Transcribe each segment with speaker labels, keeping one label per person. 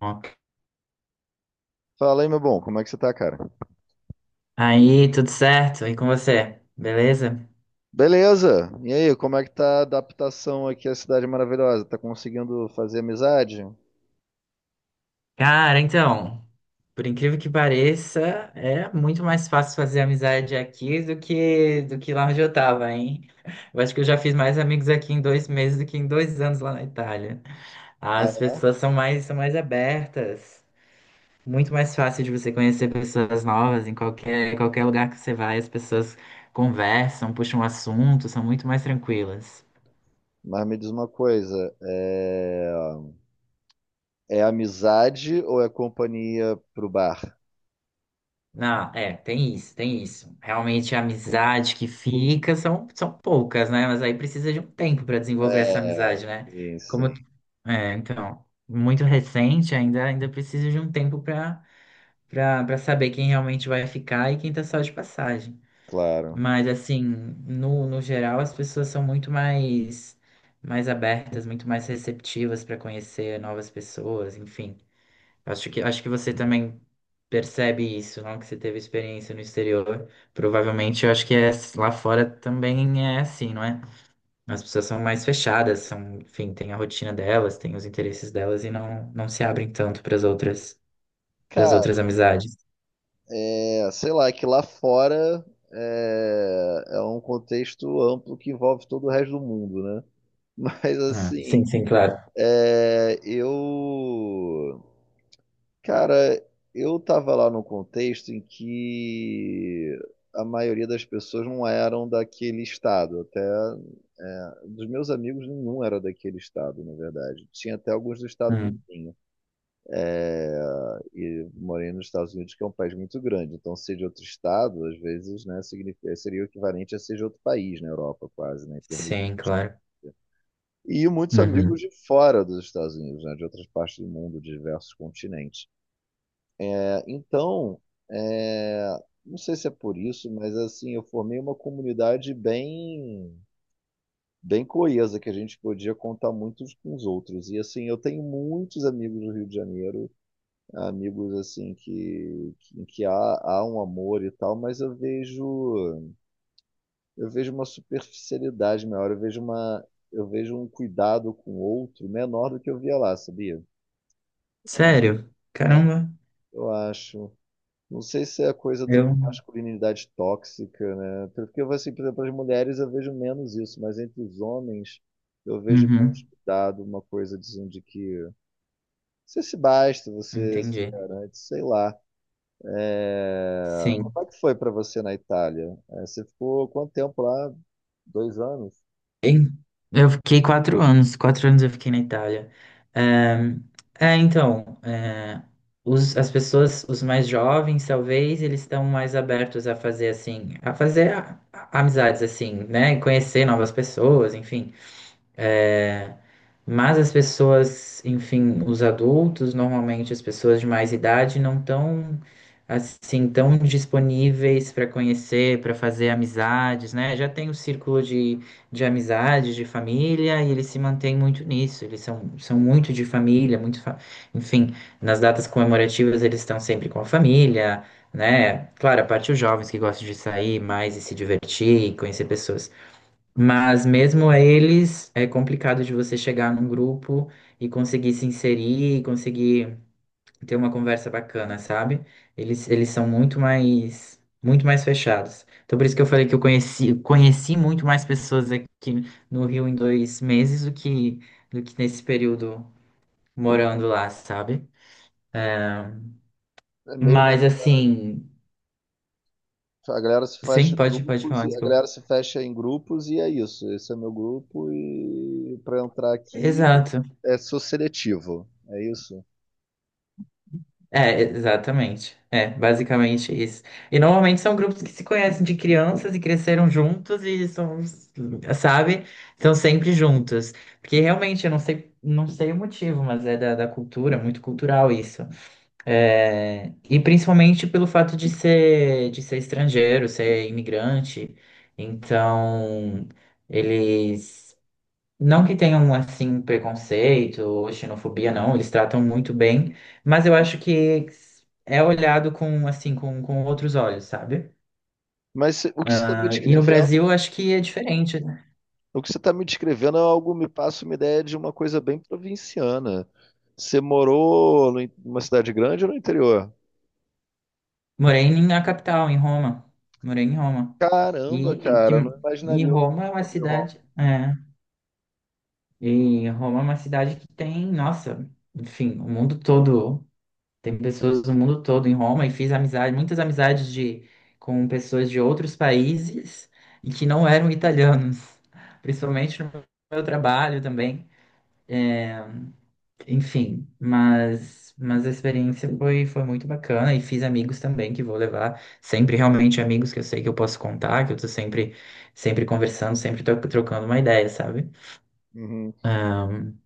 Speaker 1: Ok.
Speaker 2: Fala aí, meu bom, como é que você tá, cara?
Speaker 1: Aí, tudo certo? E com você? Beleza?
Speaker 2: Beleza! E aí, como é que tá a adaptação aqui à Cidade Maravilhosa? Tá conseguindo fazer amizade?
Speaker 1: Cara, então, por incrível que pareça, é muito mais fácil fazer amizade aqui do que lá onde eu tava, hein? Eu acho que eu já fiz mais amigos aqui em dois meses do que em dois anos lá na Itália. As
Speaker 2: Ah,
Speaker 1: pessoas são mais abertas. Muito mais fácil de você conhecer pessoas novas em qualquer lugar que você vai, as pessoas conversam, puxam assunto, são muito mais tranquilas.
Speaker 2: mas me diz uma coisa, é amizade ou é companhia pro bar?
Speaker 1: Não, é, tem isso, tem isso. Realmente a amizade que fica são poucas, né? Mas aí precisa de um tempo para desenvolver essa
Speaker 2: É,
Speaker 1: amizade, né?
Speaker 2: sim, sim,
Speaker 1: Como é, então, muito recente ainda, ainda precisa de um tempo para saber quem realmente vai ficar e quem tá só de passagem.
Speaker 2: claro.
Speaker 1: Mas assim, no geral, as pessoas são muito mais abertas, muito mais receptivas para conhecer novas pessoas, enfim. Acho que você também percebe isso, não? Que você teve experiência no exterior. Provavelmente, eu acho que é, lá fora também é assim, não é? As pessoas são mais fechadas, são, enfim, têm a rotina delas, têm os interesses delas e não se abrem tanto para as
Speaker 2: Cara,
Speaker 1: outras amizades.
Speaker 2: sei lá, é que lá fora é um contexto amplo que envolve todo o resto do mundo, né? Mas
Speaker 1: Ah, sim,
Speaker 2: assim,
Speaker 1: sim, claro.
Speaker 2: é, eu Cara, eu tava lá num contexto em que a maioria das pessoas não eram daquele estado. Até, dos meus amigos, nenhum era daquele estado, na verdade. Tinha até alguns do estado
Speaker 1: Hum,
Speaker 2: vizinho. E morei nos Estados Unidos, que é um país muito grande. Então, ser de outro estado, às vezes, né, significa- seria o equivalente a ser de outro país na Europa, quase, né, em termos de.
Speaker 1: sim, claro.
Speaker 2: E muitos
Speaker 1: Uhum.
Speaker 2: amigos de fora dos Estados Unidos, né, de outras partes do mundo, de diversos continentes. Então, é, não sei se é por isso, mas assim, eu formei uma comunidade bem, bem coesa, que a gente podia contar muito com os outros. E assim, eu tenho muitos amigos do Rio de Janeiro, amigos assim que há um amor e tal, mas eu vejo uma superficialidade maior, eu vejo um cuidado com o outro menor do que eu via lá, sabia?
Speaker 1: Sério? Caramba,
Speaker 2: Eu acho. Não sei se é a coisa de uma
Speaker 1: eu.
Speaker 2: masculinidade tóxica, né? Porque eu assim, por exemplo, as mulheres eu vejo menos isso, mas entre os homens eu vejo menos
Speaker 1: Uhum.
Speaker 2: cuidado, uma coisa de que você se basta, você se
Speaker 1: Entendi.
Speaker 2: garante, sei lá. É,
Speaker 1: Sim.
Speaker 2: como é que foi para você na Itália? É, você ficou quanto tempo lá? Dois anos?
Speaker 1: Em- Eu fiquei quatro anos, eu fiquei na Itália. É, é, então, é, as pessoas, os mais jovens, talvez, eles estão mais abertos a fazer assim, a fazer amizades assim, né? E conhecer novas pessoas, enfim. É, mas as pessoas, enfim, os adultos, normalmente as pessoas de mais idade, não estão assim tão disponíveis para conhecer, para fazer amizades, né? Já tem o de amizades, de família, e eles se mantêm muito nisso. Eles são muito de família, muito, enfim, nas datas comemorativas eles estão sempre com a família, né? Claro, a parte os jovens que gostam de sair mais e se divertir e conhecer pessoas. Mas mesmo a eles, é complicado de você chegar num grupo e conseguir se inserir, e conseguir ter uma conversa bacana, sabe? Eles são muito mais fechados. Então por isso que eu falei que eu conheci muito mais pessoas aqui no Rio em dois meses do que nesse período morando lá, sabe?
Speaker 2: É mesmo,
Speaker 1: Mas assim,
Speaker 2: a galera se fecha
Speaker 1: sim,
Speaker 2: em
Speaker 1: pode
Speaker 2: grupos,
Speaker 1: falar,
Speaker 2: a
Speaker 1: desculpa.
Speaker 2: galera se fecha em grupos e é isso. Esse é meu grupo e para entrar aqui
Speaker 1: Exato.
Speaker 2: sou seletivo. É isso?
Speaker 1: É, exatamente. É, basicamente isso. E normalmente são grupos que se conhecem de crianças e cresceram juntos e são, sabe? Estão sempre juntos. Porque realmente, eu não sei, não sei o motivo, mas é da cultura, muito cultural isso. É, e principalmente pelo fato de ser estrangeiro, ser imigrante. Então, eles. Não que tenham, assim, preconceito ou xenofobia, não, eles tratam muito bem, mas eu acho que é olhado com, assim, com outros olhos, sabe?
Speaker 2: Mas
Speaker 1: Ah, e no Brasil, eu acho que é diferente, né?
Speaker 2: o que você está me descrevendo é algo, me passa uma ideia de uma coisa bem provinciana. Você morou no in- numa cidade grande ou no interior?
Speaker 1: Morei na capital, em Roma. Morei em Roma.
Speaker 2: Caramba,
Speaker 1: E, que,
Speaker 2: cara, não
Speaker 1: e
Speaker 2: imaginaria ouvir
Speaker 1: Roma é uma
Speaker 2: sobre Roma.
Speaker 1: cidade. É, e Roma é uma cidade que tem, nossa, enfim, o mundo todo. Tem pessoas do mundo todo em Roma e fiz amizade, muitas amizades de, com pessoas de outros países e que não eram italianos, principalmente no meu trabalho também. Enfim, mas a experiência foi muito bacana e fiz amigos também que vou levar, sempre realmente amigos que eu sei que eu posso contar, que eu tô sempre, sempre conversando, sempre trocando uma ideia, sabe?
Speaker 2: Uhum.
Speaker 1: Ahn,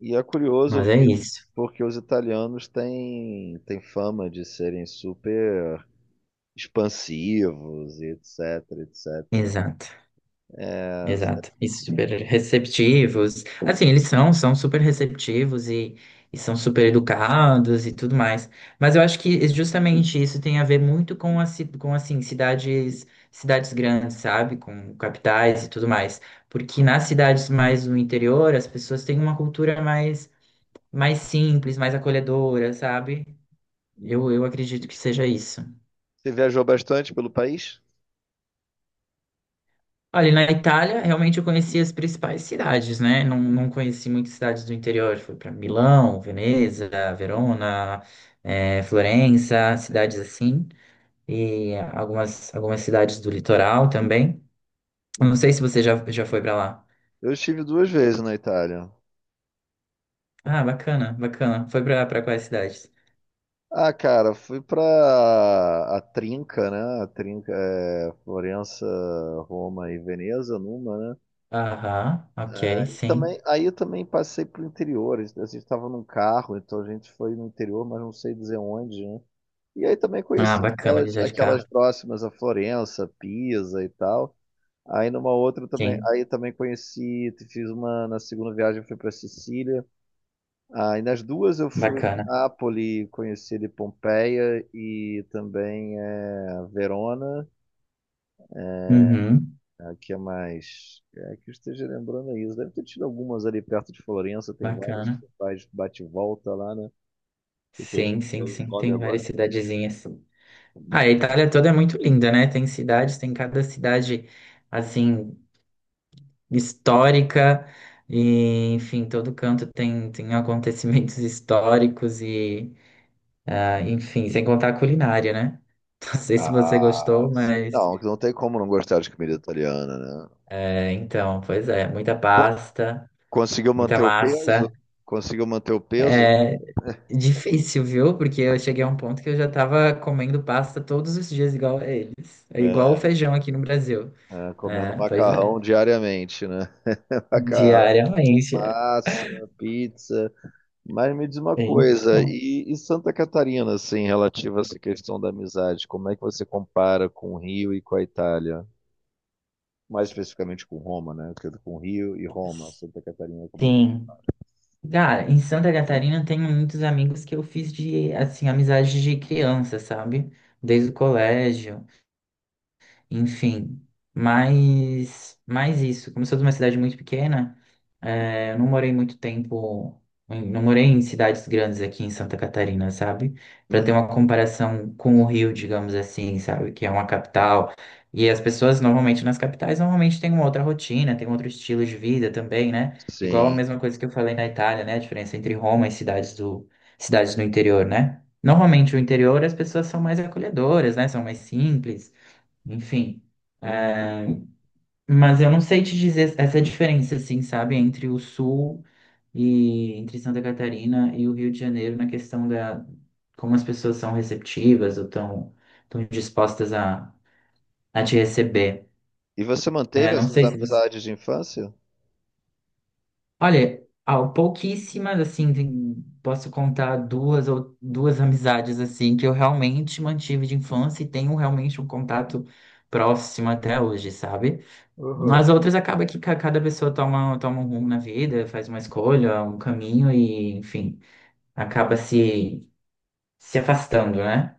Speaker 2: E é curioso
Speaker 1: mas é
Speaker 2: ouvir,
Speaker 1: isso.
Speaker 2: porque os italianos têm fama de serem super expansivos e etc, etc.
Speaker 1: Exato.
Speaker 2: É, você
Speaker 1: Exato. E super receptivos. Assim, eles são super receptivos e são super educados e tudo mais. Mas eu acho que é justamente isso tem a ver muito com, a, com assim, cidades, cidades grandes, sabe? Com capitais e tudo mais. Porque nas cidades mais no interior, as pessoas têm uma cultura mais, mais simples, mais acolhedora, sabe?
Speaker 2: Uhum.
Speaker 1: Eu acredito que seja isso.
Speaker 2: Você viajou bastante pelo país?
Speaker 1: Olha, na Itália, realmente eu conheci as principais cidades, né? Não conheci muitas cidades do interior. Fui para Milão, Veneza, Verona, Florença, cidades assim. E algumas cidades do litoral também. Eu não sei se você já foi para lá.
Speaker 2: Eu estive duas vezes na Itália.
Speaker 1: Ah, bacana, bacana. Foi para quais cidades?
Speaker 2: Ah, cara, fui pra a Trinca, né? A Trinca é Florença, Roma e Veneza, numa, né?
Speaker 1: Aham, ok, sim.
Speaker 2: Também, aí eu também passei pro interior. A gente estava num carro, então a gente foi no interior, mas não sei dizer onde, né? E aí também
Speaker 1: Ah,
Speaker 2: conheci
Speaker 1: bacana
Speaker 2: aquelas,
Speaker 1: viajar de carro.
Speaker 2: aquelas próximas a Florença, Pisa e tal. Aí numa outra também,
Speaker 1: Sim,
Speaker 2: aí também conheci, fiz uma na segunda viagem fui pra Sicília. Ah, e nas duas eu fui
Speaker 1: bacana.
Speaker 2: a Nápoles, conheci de Pompeia e também Verona,
Speaker 1: Uhum,
Speaker 2: que é mais. É, que eu esteja lembrando é isso. Deve ter tido algumas ali perto de Florença, tem várias que
Speaker 1: bacana.
Speaker 2: você faz bate e volta lá, né? Eu tô
Speaker 1: Sim, sim,
Speaker 2: esquecendo o
Speaker 1: sim.
Speaker 2: nome
Speaker 1: Tem várias
Speaker 2: agora.
Speaker 1: cidadezinhas. Ah, a Itália toda é muito linda, né? Tem cidades, tem cada cidade, assim, histórica, e, enfim, todo canto tem, tem acontecimentos históricos e, ah, enfim, sem contar a culinária, né? Não sei se você
Speaker 2: Ah,
Speaker 1: gostou,
Speaker 2: sim.
Speaker 1: mas,
Speaker 2: Não, não tem como não gostar de comida italiana, né?
Speaker 1: é, então, pois é, muita
Speaker 2: Co-
Speaker 1: pasta,
Speaker 2: Conseguiu
Speaker 1: muita
Speaker 2: manter o
Speaker 1: massa.
Speaker 2: peso? Conseguiu manter o peso?
Speaker 1: Difícil, viu? Porque eu cheguei a um ponto que eu já tava comendo pasta todos os dias igual a eles. É igual o
Speaker 2: É,
Speaker 1: feijão aqui no Brasil.
Speaker 2: é, comendo
Speaker 1: É, pois é.
Speaker 2: macarrão diariamente, né? Macarrão,
Speaker 1: Diariamente, é.
Speaker 2: massa, pizza. Mas me diz uma
Speaker 1: É,
Speaker 2: coisa,
Speaker 1: então,
Speaker 2: e Santa Catarina, assim, relativa a essa questão da amizade, como é que você compara com o Rio e com a Itália? Mais especificamente com Roma, né? Porque com o Rio e Roma, Santa Catarina, como é que...
Speaker 1: sim. Cara, em Santa Catarina eu tenho muitos amigos que eu fiz de, assim, amizade de criança, sabe? Desde o colégio. Enfim, mas isso. Como eu sou de uma cidade muito pequena, eu não morei muito tempo, não morei em cidades grandes aqui em Santa Catarina, sabe? Para
Speaker 2: Hum,
Speaker 1: ter uma comparação com o Rio, digamos assim, sabe? Que é uma capital. E as pessoas, normalmente, nas capitais, normalmente têm uma outra rotina, têm um outro estilo de vida também, né? Igual a
Speaker 2: sim.
Speaker 1: mesma coisa que eu falei na Itália, né? A diferença entre Roma e cidades cidades do interior, né? Normalmente, o interior, as pessoas são mais acolhedoras, né? São mais simples enfim.
Speaker 2: Hum.
Speaker 1: É, mas eu não sei te dizer essa diferença, assim, sabe, entre o Sul e entre Santa Catarina e o Rio de Janeiro na questão da como as pessoas são receptivas ou estão tão dispostas a te receber.
Speaker 2: E você manteve
Speaker 1: É, não
Speaker 2: essas
Speaker 1: sei se você.
Speaker 2: amizades de infância?
Speaker 1: Olha, há pouquíssimas, assim, posso contar duas ou duas amizades assim que eu realmente mantive de infância e tenho realmente um contato próximo até hoje, sabe?
Speaker 2: Uhum.
Speaker 1: Nas outras acaba que cada pessoa toma um rumo na vida, faz uma escolha, um caminho e, enfim, acaba se, se afastando, né?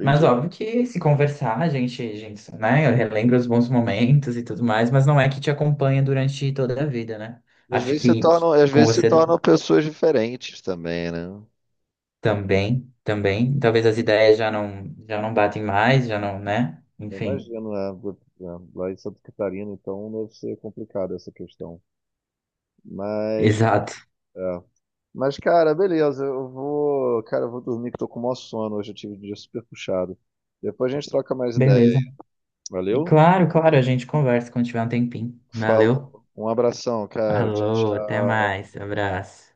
Speaker 1: Mas óbvio que se conversar, a gente, né, relembra os bons momentos e tudo mais, mas não é que te acompanha durante toda a vida, né?
Speaker 2: E às
Speaker 1: Acho
Speaker 2: vezes se
Speaker 1: que, que
Speaker 2: tornam, às
Speaker 1: com
Speaker 2: vezes se
Speaker 1: você
Speaker 2: tornam pessoas diferentes também, né?
Speaker 1: também, talvez as ideias já não batem mais, já não, né? Enfim,
Speaker 2: Imagino, né? Né, Lá em Santa Catarina, então deve ser complicado essa questão. Mas,
Speaker 1: exato.
Speaker 2: é. Mas, cara, beleza. Eu vou, cara, eu vou dormir que tô com o maior sono. Hoje eu tive um dia super puxado. Depois a gente troca mais
Speaker 1: Beleza.
Speaker 2: ideia.
Speaker 1: E
Speaker 2: Valeu?
Speaker 1: claro, claro, a gente conversa quando tiver um tempinho. Valeu.
Speaker 2: Falou. Um abração, cara. Tchau,
Speaker 1: Falou, até
Speaker 2: tchau.
Speaker 1: mais, abraço.